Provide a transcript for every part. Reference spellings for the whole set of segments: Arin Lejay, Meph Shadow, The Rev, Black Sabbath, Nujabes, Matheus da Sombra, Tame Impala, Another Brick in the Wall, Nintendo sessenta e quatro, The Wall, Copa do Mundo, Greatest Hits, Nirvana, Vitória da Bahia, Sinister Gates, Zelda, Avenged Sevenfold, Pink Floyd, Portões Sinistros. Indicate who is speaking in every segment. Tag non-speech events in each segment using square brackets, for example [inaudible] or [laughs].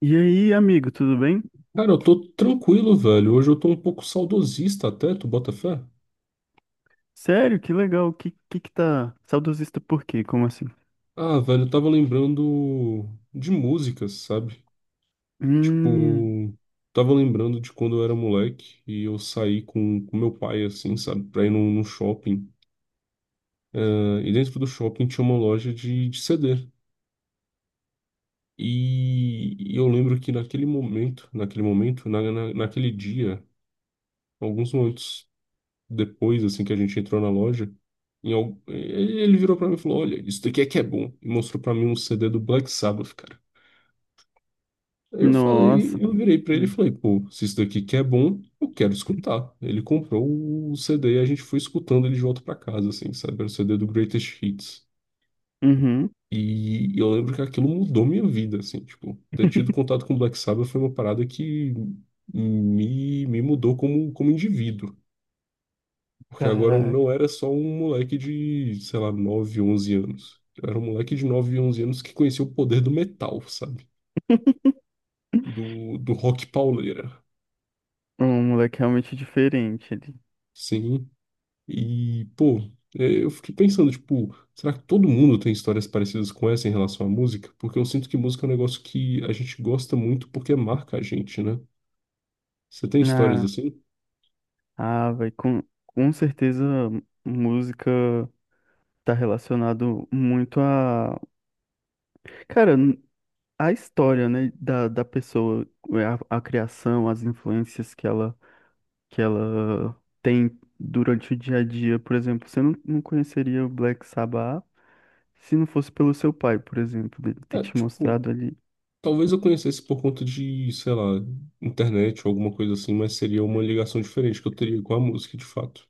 Speaker 1: E aí, amigo, tudo bem?
Speaker 2: Cara, eu tô tranquilo, velho. Hoje eu tô um pouco saudosista até, tu bota fé?
Speaker 1: Sério, que legal. Que tá saudosista por quê? Como assim?
Speaker 2: Ah, velho, eu tava lembrando de músicas, sabe?
Speaker 1: Hum.
Speaker 2: Tipo, tava lembrando de quando eu era moleque e eu saí com meu pai, assim, sabe? Pra ir num shopping. Ah, e dentro do shopping tinha uma loja de CD. E eu lembro que naquele momento, naquele dia, alguns momentos depois, assim, que a gente entrou na loja, ele virou pra mim e falou: Olha, isso daqui é que é bom. E mostrou pra mim um CD do Black Sabbath, cara. Aí eu
Speaker 1: Nossa.
Speaker 2: falei, eu virei pra ele e
Speaker 1: Hum.
Speaker 2: falei: Pô, se isso daqui que é bom, eu quero escutar. Ele comprou o CD e a gente foi escutando ele de volta pra casa, assim, sabe? Era o CD do Greatest Hits.
Speaker 1: Uhum.
Speaker 2: E eu lembro que aquilo mudou minha vida, assim, tipo, ter tido
Speaker 1: [laughs]
Speaker 2: contato com Black Sabbath foi uma parada que me mudou como, como indivíduo. Porque agora eu
Speaker 1: Caraca.
Speaker 2: não era só um moleque de, sei lá, 9 11 anos. Eu era um moleque de 9, 11 anos que conhecia o poder do metal, sabe? Do rock pauleira.
Speaker 1: Um moleque realmente diferente ali.
Speaker 2: Sim. E, pô, é, eu fiquei pensando, tipo, será que todo mundo tem histórias parecidas com essa em relação à música? Porque eu sinto que música é um negócio que a gente gosta muito porque marca a gente, né? Você tem histórias
Speaker 1: Ah,
Speaker 2: assim?
Speaker 1: vai com certeza, música tá relacionado muito a, cara, n- a história, né, da, da pessoa, é, a criação, as influências que ela tem durante o dia a dia. Por exemplo, você não conheceria o Black Sabbath se não fosse pelo seu pai, por exemplo, dele ter
Speaker 2: É,
Speaker 1: te
Speaker 2: tipo,
Speaker 1: mostrado ali.
Speaker 2: talvez eu conhecesse por conta de, sei lá, internet ou alguma coisa assim, mas seria uma ligação diferente que eu teria com a música de fato.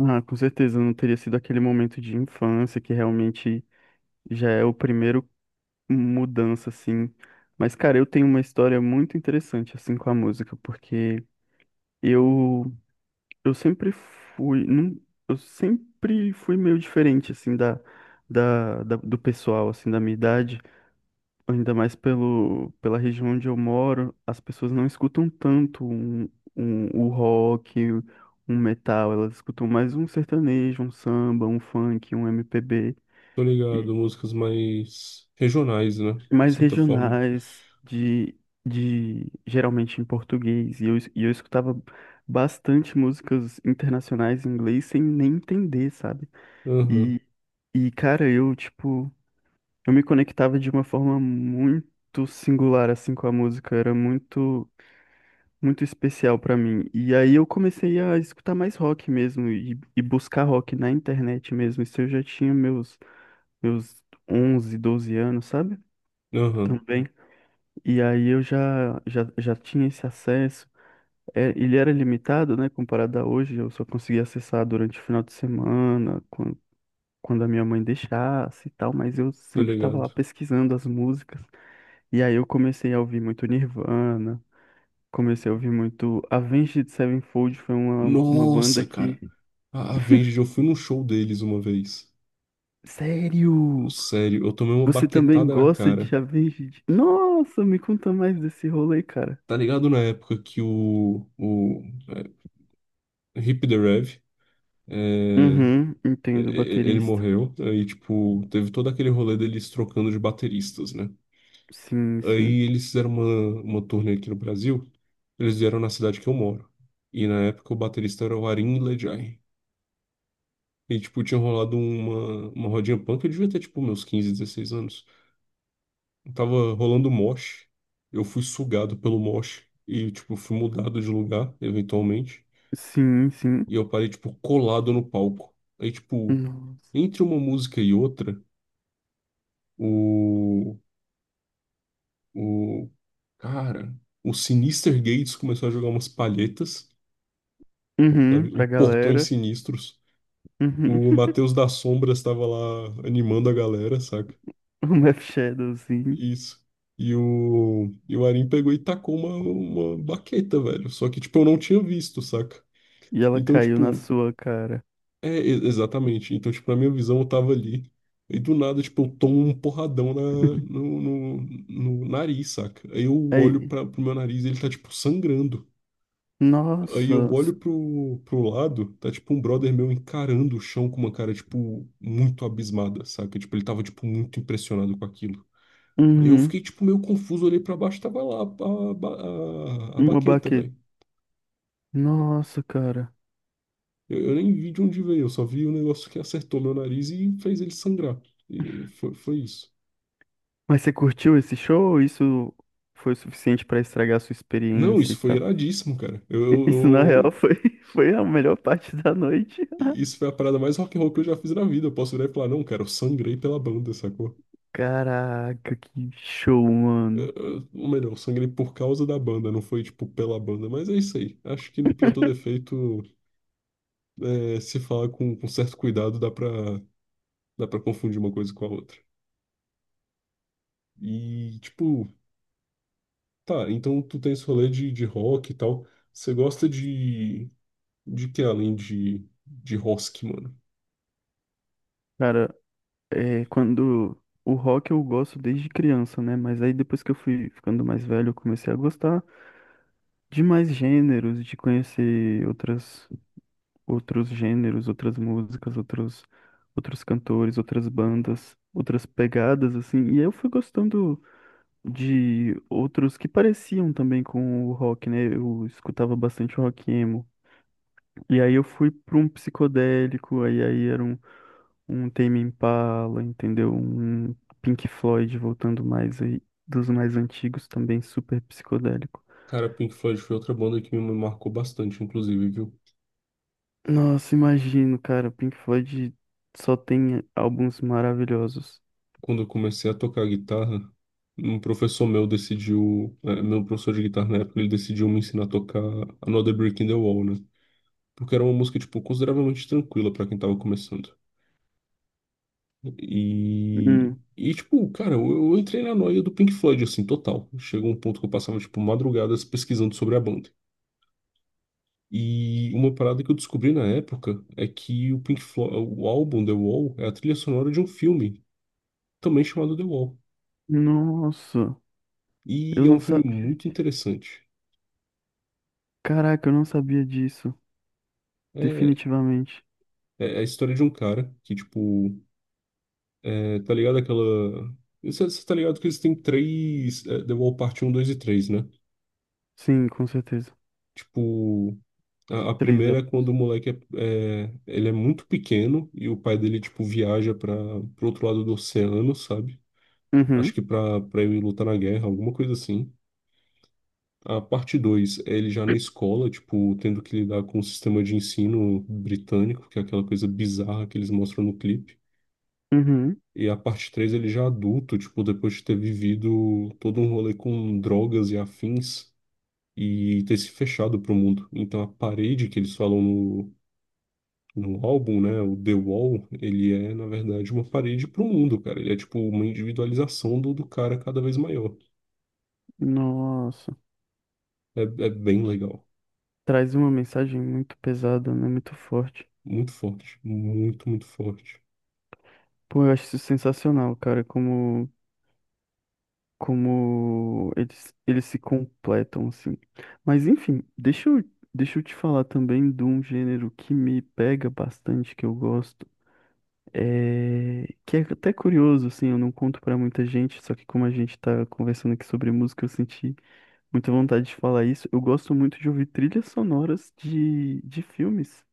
Speaker 1: Ah, com certeza, não teria sido aquele momento de infância que realmente já é o primeiro mudança, assim. Mas, cara, eu tenho uma história muito interessante, assim, com a música, porque eu, eu sempre fui, não, eu sempre fui meio diferente, assim, do pessoal, assim, da minha idade. Ainda mais pelo, pela região onde eu moro, as pessoas não escutam tanto o rock, um metal, elas escutam mais um sertanejo, um samba, um funk, um MPB,
Speaker 2: Tô
Speaker 1: e
Speaker 2: ligado, músicas mais regionais, né? De
Speaker 1: mais
Speaker 2: certa forma.
Speaker 1: regionais, de geralmente em português. E e eu escutava bastante músicas internacionais em inglês sem nem entender, sabe?
Speaker 2: Aham,
Speaker 1: E, e cara, eu, tipo, eu me conectava de uma forma muito singular, assim, com a música, era muito, muito especial pra mim. E aí eu comecei a escutar mais rock mesmo e buscar rock na internet mesmo. Isso eu já tinha meus 11 12 anos, sabe?
Speaker 2: aham,
Speaker 1: Também. E aí eu já tinha esse acesso. É, ele era limitado, né, comparado a hoje, eu só conseguia acessar durante o final de semana, quando a minha mãe deixasse e tal, mas eu
Speaker 2: tô
Speaker 1: sempre estava lá
Speaker 2: ligado.
Speaker 1: pesquisando as músicas. E aí eu comecei a ouvir muito Nirvana, comecei a ouvir muito Avenged Sevenfold, foi uma banda
Speaker 2: Nossa,
Speaker 1: que...
Speaker 2: cara, a Avenged, eu fui num show deles uma vez.
Speaker 1: Sério?
Speaker 2: Sério, eu tomei uma
Speaker 1: Você também
Speaker 2: baquetada na
Speaker 1: gosta de
Speaker 2: cara.
Speaker 1: Avenged? Nossa, me conta mais desse rolê, cara.
Speaker 2: Tá ligado na época que o é, Hip the Rev, é,
Speaker 1: Uhum, entendo,
Speaker 2: ele
Speaker 1: baterista.
Speaker 2: morreu, aí, tipo, teve todo aquele rolê deles trocando de bateristas, né?
Speaker 1: Sim,
Speaker 2: Aí
Speaker 1: sim.
Speaker 2: eles fizeram uma turnê aqui no Brasil, eles vieram na cidade que eu moro, e na época o baterista era o Arin Lejay. E, tipo, tinha rolado uma rodinha punk, eu devia ter, tipo, meus 15, 16 anos. Tava rolando mosh, eu fui sugado pelo mosh, e, tipo, fui mudado de lugar, eventualmente,
Speaker 1: Sim, sim.
Speaker 2: e eu parei, tipo, colado no palco. Aí, tipo,
Speaker 1: Nossa.
Speaker 2: entre uma música e outra, o, o cara, o Sinister Gates começou a jogar umas palhetas,
Speaker 1: Uhum,
Speaker 2: sabe? O
Speaker 1: pra
Speaker 2: Portões
Speaker 1: galera.
Speaker 2: Sinistros.
Speaker 1: Uhum.
Speaker 2: O
Speaker 1: [laughs]
Speaker 2: Matheus da Sombra estava lá animando a galera, saca?
Speaker 1: O Meph Shadow, sim.
Speaker 2: Isso. E o Arim pegou e tacou uma baqueta, velho. Só que, tipo, eu não tinha visto, saca?
Speaker 1: E ela
Speaker 2: Então,
Speaker 1: caiu na
Speaker 2: tipo,
Speaker 1: sua cara.
Speaker 2: é, exatamente. Então, tipo, na minha visão, eu tava ali. E do nada, tipo, eu tomo um porradão na,
Speaker 1: [laughs]
Speaker 2: no, no, no nariz, saca? Aí eu olho
Speaker 1: Aí,
Speaker 2: pro meu nariz e ele tá, tipo, sangrando. Aí eu
Speaker 1: nossa.
Speaker 2: olho pro lado, tá, tipo, um brother meu encarando o chão com uma cara, tipo, muito abismada, saca? Tipo, ele tava, tipo, muito impressionado com aquilo. Aí eu
Speaker 1: Uhum,
Speaker 2: fiquei, tipo, meio confuso, olhei pra baixo, tava lá a
Speaker 1: uma
Speaker 2: baqueta,
Speaker 1: baqueta.
Speaker 2: velho.
Speaker 1: Nossa, cara.
Speaker 2: Eu nem vi de onde veio, eu só vi o negócio que acertou meu nariz e fez ele sangrar. E foi, foi isso.
Speaker 1: Mas você curtiu esse show? Isso foi o suficiente pra estragar a sua
Speaker 2: Não,
Speaker 1: experiência
Speaker 2: isso
Speaker 1: e
Speaker 2: foi
Speaker 1: tal?
Speaker 2: iradíssimo, cara.
Speaker 1: [laughs] Isso na real
Speaker 2: Eu-
Speaker 1: foi, [laughs] foi a melhor parte da noite. [laughs]
Speaker 2: isso foi a parada mais rock and roll que eu já fiz na vida. Eu posso virar e falar, não, cara, eu sangrei pela banda, sacou?
Speaker 1: Caraca, que show, mano.
Speaker 2: Ou melhor, eu sangrei por causa da banda, não foi, tipo, pela banda. Mas é isso aí. Acho que, pra todo efeito, é, se falar com certo cuidado, dá pra confundir uma coisa com a outra. E, tipo, tá, então tu tem esse rolê de rock e tal. Você gosta de que além de rock, mano?
Speaker 1: Cara, é, quando o rock eu gosto desde criança, né? Mas aí depois que eu fui ficando mais velho, eu comecei a gostar de mais gêneros, de conhecer outros gêneros, outras músicas, outros cantores, outras bandas, outras pegadas, assim. E aí eu fui gostando de outros que pareciam também com o rock, né? Eu escutava bastante rock emo. E aí eu fui para um psicodélico, aí era um Tame Impala, entendeu? Um Pink Floyd voltando mais aí, dos mais antigos também, super psicodélico.
Speaker 2: Cara, Pink Floyd foi outra banda que me marcou bastante, inclusive, viu?
Speaker 1: Nossa, imagino, cara, Pink Floyd só tem álbuns maravilhosos.
Speaker 2: Quando eu comecei a tocar guitarra, um professor meu decidiu, eh, meu professor de guitarra na época, ele decidiu me ensinar a tocar Another Brick in the Wall, né? Porque era uma música, tipo, consideravelmente tranquila pra quem tava começando. E,
Speaker 1: Hum,
Speaker 2: e tipo, cara, eu entrei na noia do Pink Floyd, assim, total. Chegou um ponto que eu passava, tipo, madrugadas pesquisando sobre a banda. E uma parada que eu descobri na época é que o Pink Floyd, o álbum The Wall é a trilha sonora de um filme também chamado The Wall.
Speaker 1: nossa,
Speaker 2: E
Speaker 1: eu
Speaker 2: é um
Speaker 1: não
Speaker 2: filme
Speaker 1: sabia.
Speaker 2: muito interessante.
Speaker 1: Caraca, eu não sabia disso.
Speaker 2: É,
Speaker 1: Definitivamente.
Speaker 2: é a história de um cara que, tipo, é, tá ligado aquela. Você tá ligado que eles têm três é, The Wall Parte 1, 2 e 3 né?
Speaker 1: Sim, com certeza.
Speaker 2: Tipo, a
Speaker 1: Três
Speaker 2: primeira é quando
Speaker 1: álbuns.
Speaker 2: o moleque é, ele é muito pequeno e o pai dele, tipo, viaja para pro outro lado do oceano, sabe? Acho
Speaker 1: Uhum.
Speaker 2: que pra ir lutar na guerra, alguma coisa assim. A parte 2 é ele já na escola, tipo, tendo que lidar com o sistema de ensino britânico, que é aquela coisa bizarra que eles mostram no clipe.
Speaker 1: Uhum.
Speaker 2: E a parte 3 ele já adulto, tipo, depois de ter vivido todo um rolê com drogas e afins e ter se fechado pro mundo. Então a parede que eles falam no álbum, né, o The Wall, ele é, na verdade, uma parede pro mundo, cara. Ele é, tipo, uma individualização do cara cada vez maior.
Speaker 1: Nossa.
Speaker 2: É, é bem legal.
Speaker 1: Traz uma mensagem muito pesada, né? Muito forte.
Speaker 2: Muito forte. Muito, muito forte.
Speaker 1: Pô, eu acho isso sensacional, cara, como, eles se completam, assim. Mas enfim, deixa eu te falar também de um gênero que me pega bastante, que eu gosto. É... Que é até curioso, assim, eu não conto pra muita gente, só que como a gente tá conversando aqui sobre música, eu senti muita vontade de falar isso. Eu gosto muito de ouvir trilhas sonoras de filmes,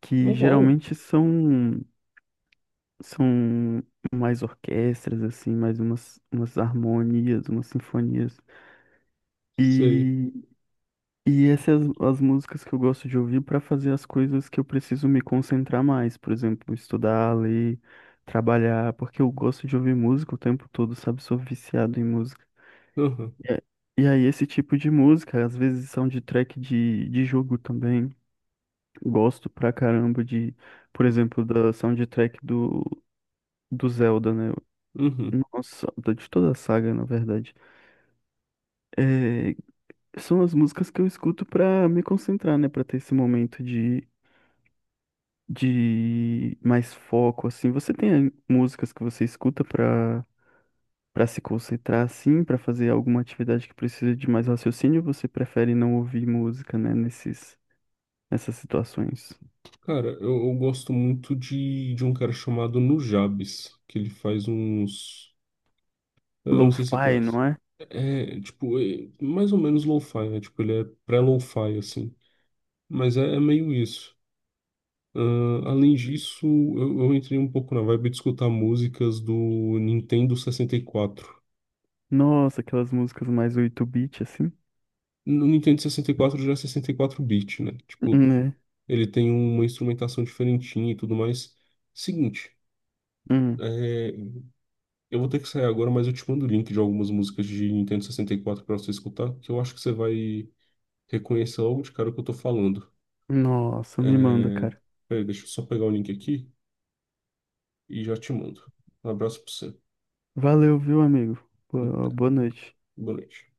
Speaker 1: que
Speaker 2: Uau!
Speaker 1: geralmente são mais orquestras assim, mais umas harmonias, umas sinfonias.
Speaker 2: Sei.
Speaker 1: E e essas as músicas que eu gosto de ouvir para fazer as coisas que eu preciso me concentrar mais, por exemplo, estudar, ler, trabalhar, porque eu gosto de ouvir música o tempo todo, sabe? Sou viciado em música.
Speaker 2: Aham,
Speaker 1: E a- e aí esse tipo de música, às vezes soundtrack de jogo também. Gosto pra caramba de por exemplo, da soundtrack do Zelda, né?
Speaker 2: uhum.
Speaker 1: Nossa, da- de toda a saga, na verdade. É, são as músicas que eu escuto pra me concentrar, né? Pra ter esse momento de mais foco, assim. Você tem músicas que você escuta pra, pra se concentrar, assim, pra fazer alguma atividade que precisa de mais raciocínio? Ou você prefere não ouvir música, né? Nesses, nessas situações.
Speaker 2: Cara, eu gosto muito de um cara chamado Nujabes, que ele faz uns. Eu não sei se você
Speaker 1: Lo-fi,
Speaker 2: conhece.
Speaker 1: não é?
Speaker 2: É, tipo, é mais ou menos lo-fi, né? Tipo, ele é pré-lo-fi, assim. Mas é, é meio isso. Ah, além disso, eu entrei um pouco na vibe de escutar músicas do Nintendo 64.
Speaker 1: Nossa, aquelas músicas mais 8-bit, assim.
Speaker 2: No Nintendo 64 já é 64 bit né? Tipo,
Speaker 1: Né?
Speaker 2: ele tem uma instrumentação diferentinha e tudo mais. Seguinte.
Speaker 1: Hum.
Speaker 2: é, Eu vou ter que sair agora, mas eu te mando o link de algumas músicas de Nintendo 64 para você escutar, que eu acho que você vai reconhecer logo de cara o que eu tô falando.
Speaker 1: Nossa, me manda,
Speaker 2: É...
Speaker 1: cara.
Speaker 2: Peraí, deixa eu só pegar o link aqui e já te mando. Um abraço pra você.
Speaker 1: Valeu, viu, amigo?
Speaker 2: Até.
Speaker 1: Boa noite.
Speaker 2: Boa noite.